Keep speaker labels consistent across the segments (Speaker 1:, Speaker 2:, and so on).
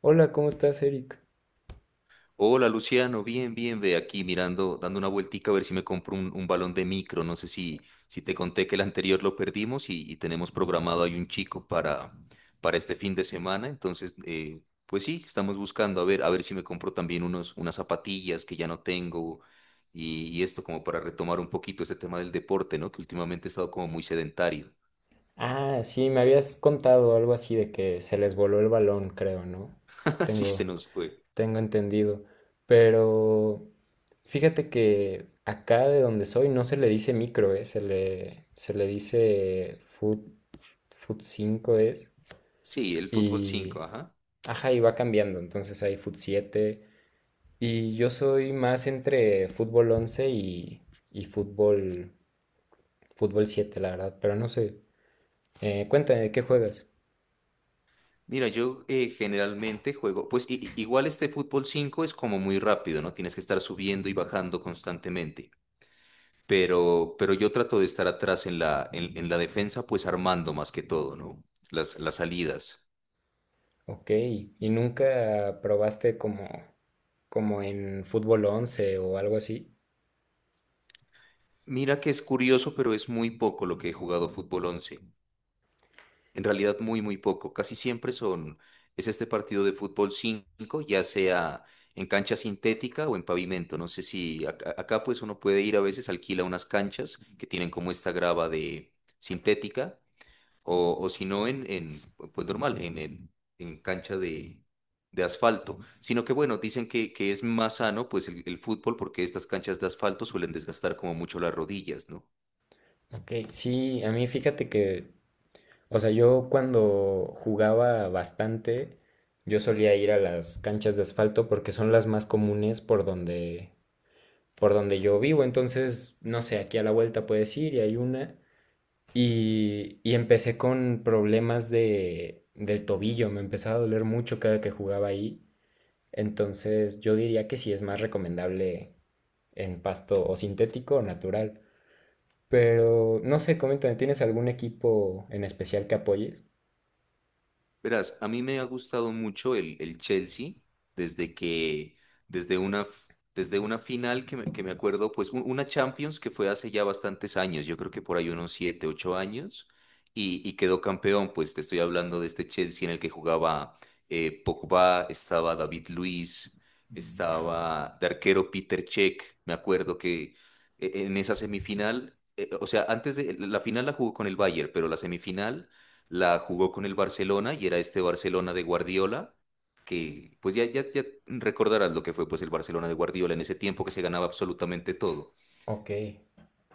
Speaker 1: Hola, ¿cómo estás, Eric?
Speaker 2: Hola Luciano, bien, bien, ve aquí mirando, dando una vueltica a ver si me compro un balón de micro. No sé si, si te conté que el anterior lo perdimos y tenemos programado ahí un chico para este fin de semana. Entonces, pues sí, estamos buscando a ver si me compro también unos, unas zapatillas que ya no tengo y esto como para retomar un poquito ese tema del deporte, ¿no? Que últimamente he estado como muy sedentario.
Speaker 1: Ah, sí, me habías contado algo así de que se les voló el balón, creo, ¿no?
Speaker 2: Así
Speaker 1: Tengo,
Speaker 2: se nos fue.
Speaker 1: tengo entendido. Pero fíjate que acá de donde soy no se le dice micro, ¿eh? Se le dice foot 5 es.
Speaker 2: Sí, el fútbol
Speaker 1: Y,
Speaker 2: 5, ajá.
Speaker 1: ajá, y va cambiando. Entonces hay foot siete. Y yo soy más entre fútbol 11 y fútbol 7, la verdad. Pero no sé. Cuéntame, ¿de qué juegas?
Speaker 2: Mira, yo generalmente juego, pues igual este fútbol 5 es como muy rápido, ¿no? Tienes que estar subiendo y bajando constantemente, pero yo trato de estar atrás en la defensa, pues armando más que todo, ¿no? Las salidas.
Speaker 1: Ok, ¿y nunca probaste como en fútbol 11 o algo así?
Speaker 2: Mira que es curioso, pero es muy poco lo que he jugado fútbol 11. En realidad muy poco. Casi siempre son, es este partido de fútbol 5, ya sea en cancha sintética o en pavimento. No sé si acá, pues uno puede ir a veces, alquila unas canchas que tienen como esta grava de sintética o si no en, pues normal, en cancha de asfalto. Sino que bueno, dicen que es más sano pues el fútbol porque estas canchas de asfalto suelen desgastar como mucho las rodillas, ¿no?
Speaker 1: Ok, sí, a mí fíjate que, o sea, yo cuando jugaba bastante, yo solía ir a las canchas de asfalto porque son las más comunes por donde yo vivo, entonces, no sé, aquí a la vuelta puedes ir y hay una. Y empecé con problemas del tobillo, me empezaba a doler mucho cada que jugaba ahí. Entonces yo diría que sí es más recomendable en pasto o sintético o natural. Pero no sé, coméntame, ¿tienes algún equipo en especial que apoyes?
Speaker 2: Verás, a mí me ha gustado mucho el Chelsea desde que, desde una, f- desde una final que me acuerdo, pues una Champions que fue hace ya bastantes años, yo creo que por ahí unos siete, ocho años, y quedó campeón, pues te estoy hablando de este Chelsea en el que jugaba Pogba, estaba David Luiz, estaba de arquero Peter Cech, me acuerdo que en esa semifinal, o sea, antes de, la final la jugó con el Bayern, pero la semifinal la jugó con el Barcelona y era este Barcelona de Guardiola, que pues ya recordarás lo que fue pues el Barcelona de Guardiola en ese tiempo que se ganaba absolutamente todo.
Speaker 1: Ok,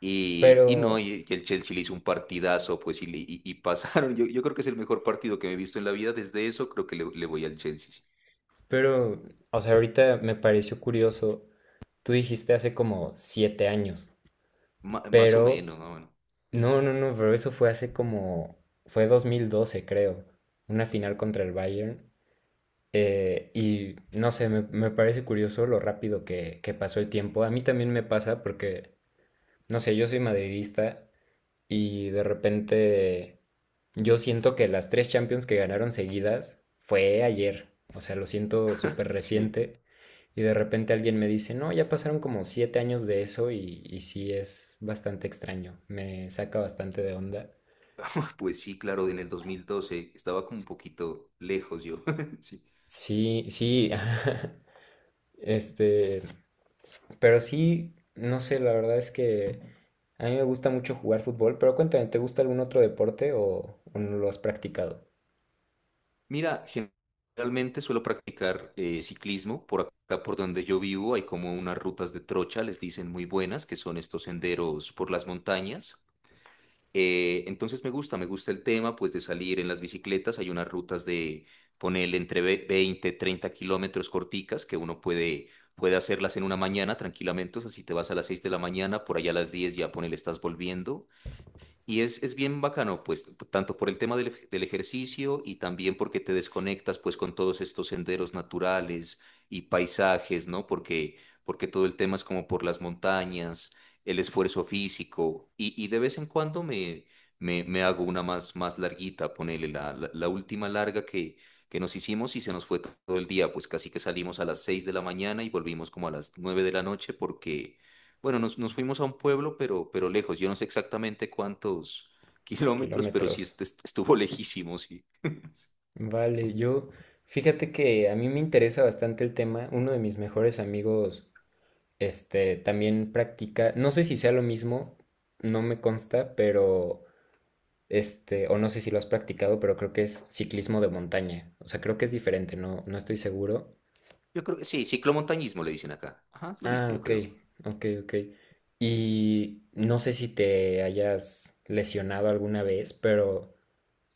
Speaker 2: Y no,
Speaker 1: pero,
Speaker 2: y el Chelsea le hizo un partidazo, pues y pasaron. Yo creo que es el mejor partido que me he visto en la vida. Desde eso creo que le voy al Chelsea. Sí.
Speaker 1: pero, o sea, ahorita me pareció curioso, tú dijiste hace como 7 años,
Speaker 2: Ma- más o
Speaker 1: pero,
Speaker 2: menos, más o menos.
Speaker 1: no, no, no, pero eso fue fue 2012 creo, una final contra el Bayern, y no sé, me parece curioso lo rápido que pasó el tiempo, a mí también me pasa porque no sé, yo soy madridista y de repente yo siento que las tres Champions que ganaron seguidas fue ayer. O sea, lo siento súper
Speaker 2: Sí.
Speaker 1: reciente. Y de repente alguien me dice, no, ya pasaron como 7 años de eso y sí es bastante extraño. Me saca bastante de onda.
Speaker 2: Pues sí, claro, en el 2012 estaba como un poquito lejos yo. Sí.
Speaker 1: Sí, sí. Este, pero sí, no sé, la verdad es que a mí me gusta mucho jugar fútbol, pero cuéntame, ¿te gusta algún otro deporte o no lo has practicado?
Speaker 2: Mira, generalmente suelo practicar ciclismo. Por acá, por donde yo vivo, hay como unas rutas de trocha, les dicen muy buenas, que son estos senderos por las montañas. Entonces me gusta el tema, pues de salir en las bicicletas. Hay unas rutas de ponerle entre 20, 30 kilómetros corticas que uno puede, puede hacerlas en una mañana tranquilamente. O sea, si te vas a las 6 de la mañana, por allá a las 10 ya ponele, estás volviendo. Y es bien bacano, pues, tanto por el tema del ejercicio y también porque te desconectas, pues, con todos estos senderos naturales y paisajes, ¿no? Porque todo el tema es como por las montañas, el esfuerzo físico y de vez en cuando me hago una más, más larguita, ponele la última larga que nos hicimos y se nos fue todo el día, pues casi que salimos a las 6 de la mañana y volvimos como a las 9 de la noche porque bueno, nos fuimos a un pueblo, pero lejos. Yo no sé exactamente cuántos kilómetros, pero sí
Speaker 1: Kilómetros.
Speaker 2: estuvo lejísimo, sí.
Speaker 1: Vale, fíjate que a mí me interesa bastante el tema. Uno de mis mejores amigos, este, también practica, no sé si sea lo mismo, no me consta, pero, este, o no sé si lo has practicado, pero creo que es ciclismo de montaña. O sea, creo que es diferente, no, no estoy seguro.
Speaker 2: Yo creo que sí, ciclomontañismo le dicen acá. Ajá, lo mismo,
Speaker 1: Ah,
Speaker 2: yo
Speaker 1: ok,
Speaker 2: creo.
Speaker 1: ok, ok. Y no sé si te hayas lesionado alguna vez, pero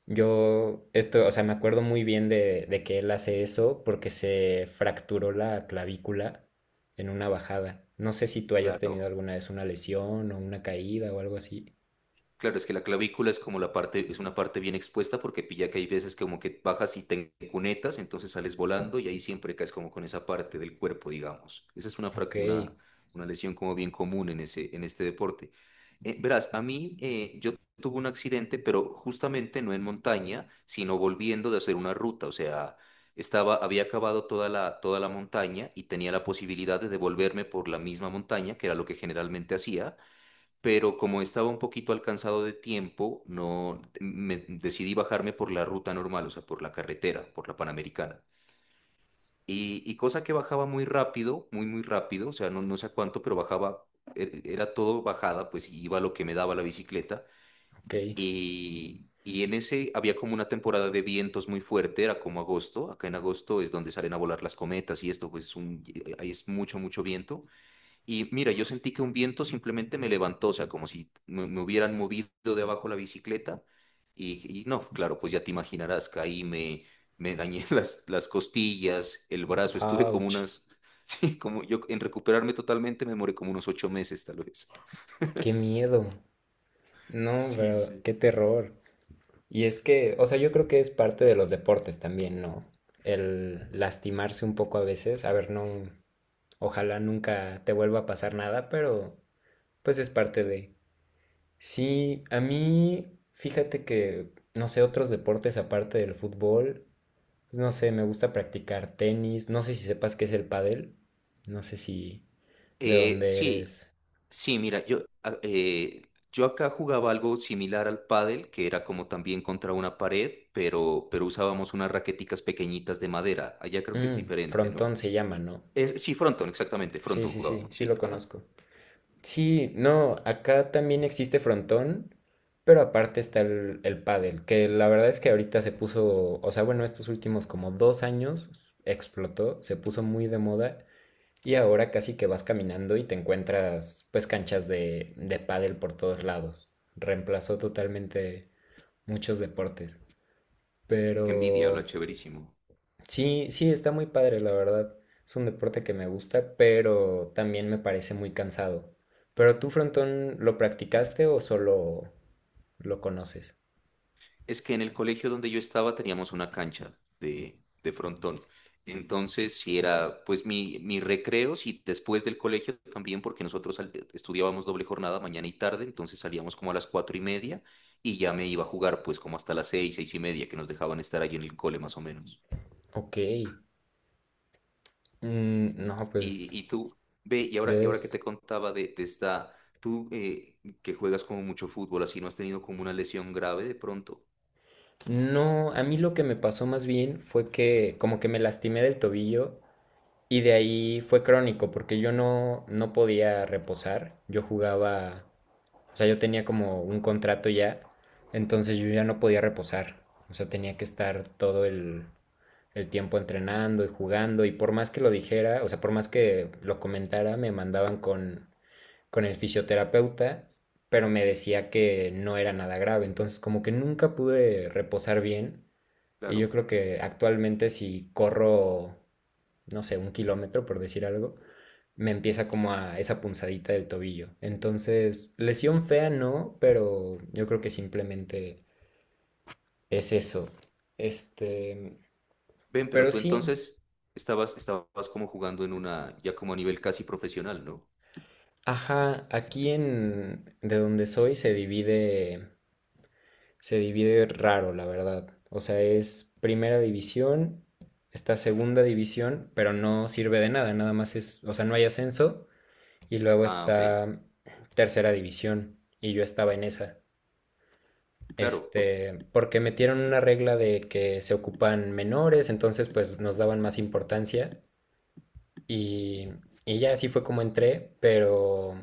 Speaker 1: yo, esto, o sea, me acuerdo muy bien de que él hace eso porque se fracturó la clavícula en una bajada. No sé si tú hayas tenido
Speaker 2: Claro.
Speaker 1: alguna vez una lesión o una caída o algo así.
Speaker 2: Claro, es que la clavícula es como la parte, es una parte bien expuesta porque pilla que hay veces como que bajas y te cunetas, entonces sales volando y ahí siempre caes como con esa parte del cuerpo, digamos. Esa es
Speaker 1: Ok,
Speaker 2: una lesión como bien común en ese, en este deporte. Verás, a mí yo tuve un accidente, pero justamente no en montaña, sino volviendo de hacer una ruta. O sea, estaba, había acabado toda toda la montaña y tenía la posibilidad de devolverme por la misma montaña, que era lo que generalmente hacía, pero como estaba un poquito alcanzado de tiempo, no me decidí bajarme por la ruta normal, o sea, por la carretera, por la Panamericana. Y cosa que bajaba muy rápido, muy rápido, o sea, no sé a cuánto, pero bajaba, era todo bajada, pues iba lo que me daba la bicicleta.
Speaker 1: ok.
Speaker 2: Y en ese había como una temporada de vientos muy fuerte, era como agosto, acá en agosto es donde salen a volar las cometas y esto, pues ahí es mucho, mucho viento. Y mira, yo sentí que un viento simplemente me levantó, o sea, como si me hubieran movido de abajo la bicicleta. Y no, claro, pues ya te imaginarás, me dañé las costillas, el brazo, estuve como
Speaker 1: Ouch.
Speaker 2: unas, sí, como yo en recuperarme totalmente me demoré como unos ocho meses tal vez.
Speaker 1: Qué miedo. No,
Speaker 2: Sí,
Speaker 1: pero
Speaker 2: sí.
Speaker 1: qué terror. Y es que, o sea, yo creo que es parte de los deportes también, ¿no? El lastimarse un poco a veces. A ver, no, ojalá nunca te vuelva a pasar nada, pero pues es parte de. Sí, a mí, fíjate que, no sé, otros deportes aparte del fútbol, pues no sé, me gusta practicar tenis, no sé si sepas qué es el pádel, no sé si de dónde
Speaker 2: Sí,
Speaker 1: eres.
Speaker 2: sí, mira, yo acá jugaba algo similar al pádel, que era como también contra una pared, pero usábamos unas raqueticas pequeñitas de madera. Allá creo que es diferente, ¿no?
Speaker 1: Frontón se llama, ¿no?
Speaker 2: Es, sí, frontón, exactamente,
Speaker 1: Sí,
Speaker 2: frontón
Speaker 1: sí, sí,
Speaker 2: jugábamos,
Speaker 1: sí
Speaker 2: sí.
Speaker 1: lo
Speaker 2: Ajá.
Speaker 1: conozco. Sí, no, acá también existe frontón, pero aparte está el pádel, que la verdad es que ahorita se puso, o sea, bueno, estos últimos como 2 años explotó, se puso muy de moda. Y ahora casi que vas caminando y te encuentras pues canchas de pádel por todos lados. Reemplazó totalmente muchos deportes.
Speaker 2: Qué envidia, lo
Speaker 1: Pero
Speaker 2: chéverísimo.
Speaker 1: sí, sí, está muy padre, la verdad. Es un deporte que me gusta, pero también me parece muy cansado. ¿Pero tú, frontón, lo practicaste o solo lo conoces?
Speaker 2: Es que en el colegio donde yo estaba teníamos una cancha de frontón. Entonces, si era pues mi recreo, si después del colegio también, porque nosotros estudiábamos doble jornada mañana y tarde, entonces salíamos como a las cuatro y media y ya me iba a jugar pues como hasta las seis, seis y media, que nos dejaban estar allí en el cole más o menos.
Speaker 1: Ok. Mm, no, pues
Speaker 2: Y tú, ve, y ahora que
Speaker 1: debes.
Speaker 2: te contaba de esta, tú que juegas como mucho fútbol, así no has tenido como una lesión grave de pronto.
Speaker 1: No, a mí lo que me pasó más bien fue que como que me lastimé del tobillo y de ahí fue crónico, porque yo no podía reposar. Yo jugaba, o sea, yo tenía como un contrato ya, entonces yo ya no podía reposar. O sea, tenía que estar todo el tiempo entrenando y jugando. Y por más que lo dijera, o sea, por más que lo comentara, me mandaban con el fisioterapeuta, pero me decía que no era nada grave. Entonces, como que nunca pude reposar bien. Y yo
Speaker 2: Claro.
Speaker 1: creo que actualmente si corro, no sé, un kilómetro, por decir algo, me empieza como a esa punzadita del tobillo. Entonces, lesión fea no, pero yo creo que simplemente es eso. Este,
Speaker 2: Ven, pero
Speaker 1: pero
Speaker 2: tú
Speaker 1: sí,
Speaker 2: entonces estabas como jugando en una, ya como a nivel casi profesional, ¿no?
Speaker 1: ajá, aquí en de donde soy se divide raro, la verdad. O sea, es primera división, está segunda división, pero no sirve de nada, nada más es, o sea, no hay ascenso y luego
Speaker 2: Ah, ok.
Speaker 1: está tercera división y yo estaba en esa.
Speaker 2: Claro, por-
Speaker 1: Este, porque metieron una regla de que se ocupan menores, entonces pues nos daban más importancia y, y ya así fue como entré, pero,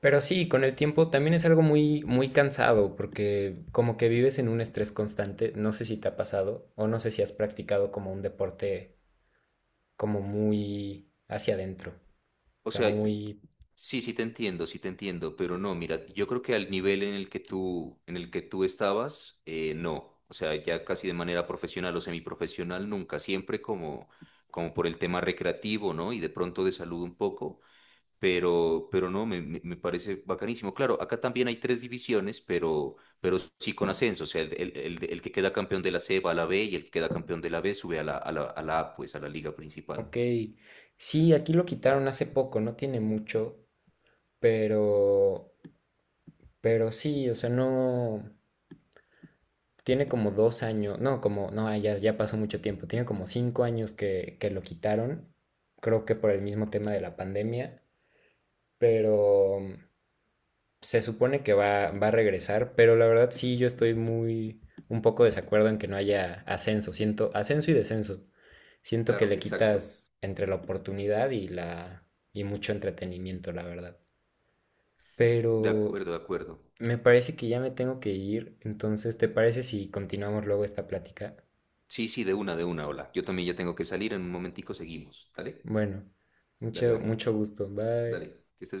Speaker 1: sí, con el tiempo también es algo muy, muy cansado porque como que vives en un estrés constante, no sé si te ha pasado o no sé si has practicado como un deporte como muy hacia adentro, o
Speaker 2: o
Speaker 1: sea,
Speaker 2: sea,
Speaker 1: muy,
Speaker 2: sí, sí te entiendo, pero no, mira, yo creo que al nivel en el que tú, en el que tú estabas, no. O sea, ya casi de manera profesional o semiprofesional, nunca, siempre como, como por el tema recreativo, ¿no? Y de pronto de salud un poco. Pero no, me parece bacanísimo. Claro, acá también hay tres divisiones, pero sí con ascenso, o sea, el que queda campeón de la C va a la B y el que queda campeón de la B sube a la, a la, a la A, pues a la liga principal.
Speaker 1: ok, sí, aquí lo quitaron hace poco, no tiene mucho, pero. Pero sí, o sea, no, tiene como 2 años, no, como, no, ya pasó mucho tiempo, tiene como 5 años que lo quitaron, creo que por el mismo tema de la pandemia, pero se supone que va a regresar, pero la verdad sí, yo estoy muy, un poco desacuerdo en que no haya ascenso, siento, ascenso y descenso, siento que
Speaker 2: Claro,
Speaker 1: le
Speaker 2: exacto.
Speaker 1: quitas entre la oportunidad y y mucho entretenimiento, la verdad.
Speaker 2: De
Speaker 1: Pero
Speaker 2: acuerdo, de acuerdo.
Speaker 1: me parece que ya me tengo que ir, entonces, ¿te parece si continuamos luego esta plática?
Speaker 2: Sí, sí, hola. Yo también ya tengo que salir, en un momentico seguimos.
Speaker 1: Bueno,
Speaker 2: Dale,
Speaker 1: mucho,
Speaker 2: dale,
Speaker 1: mucho gusto.
Speaker 2: dale.
Speaker 1: Bye.
Speaker 2: Que estés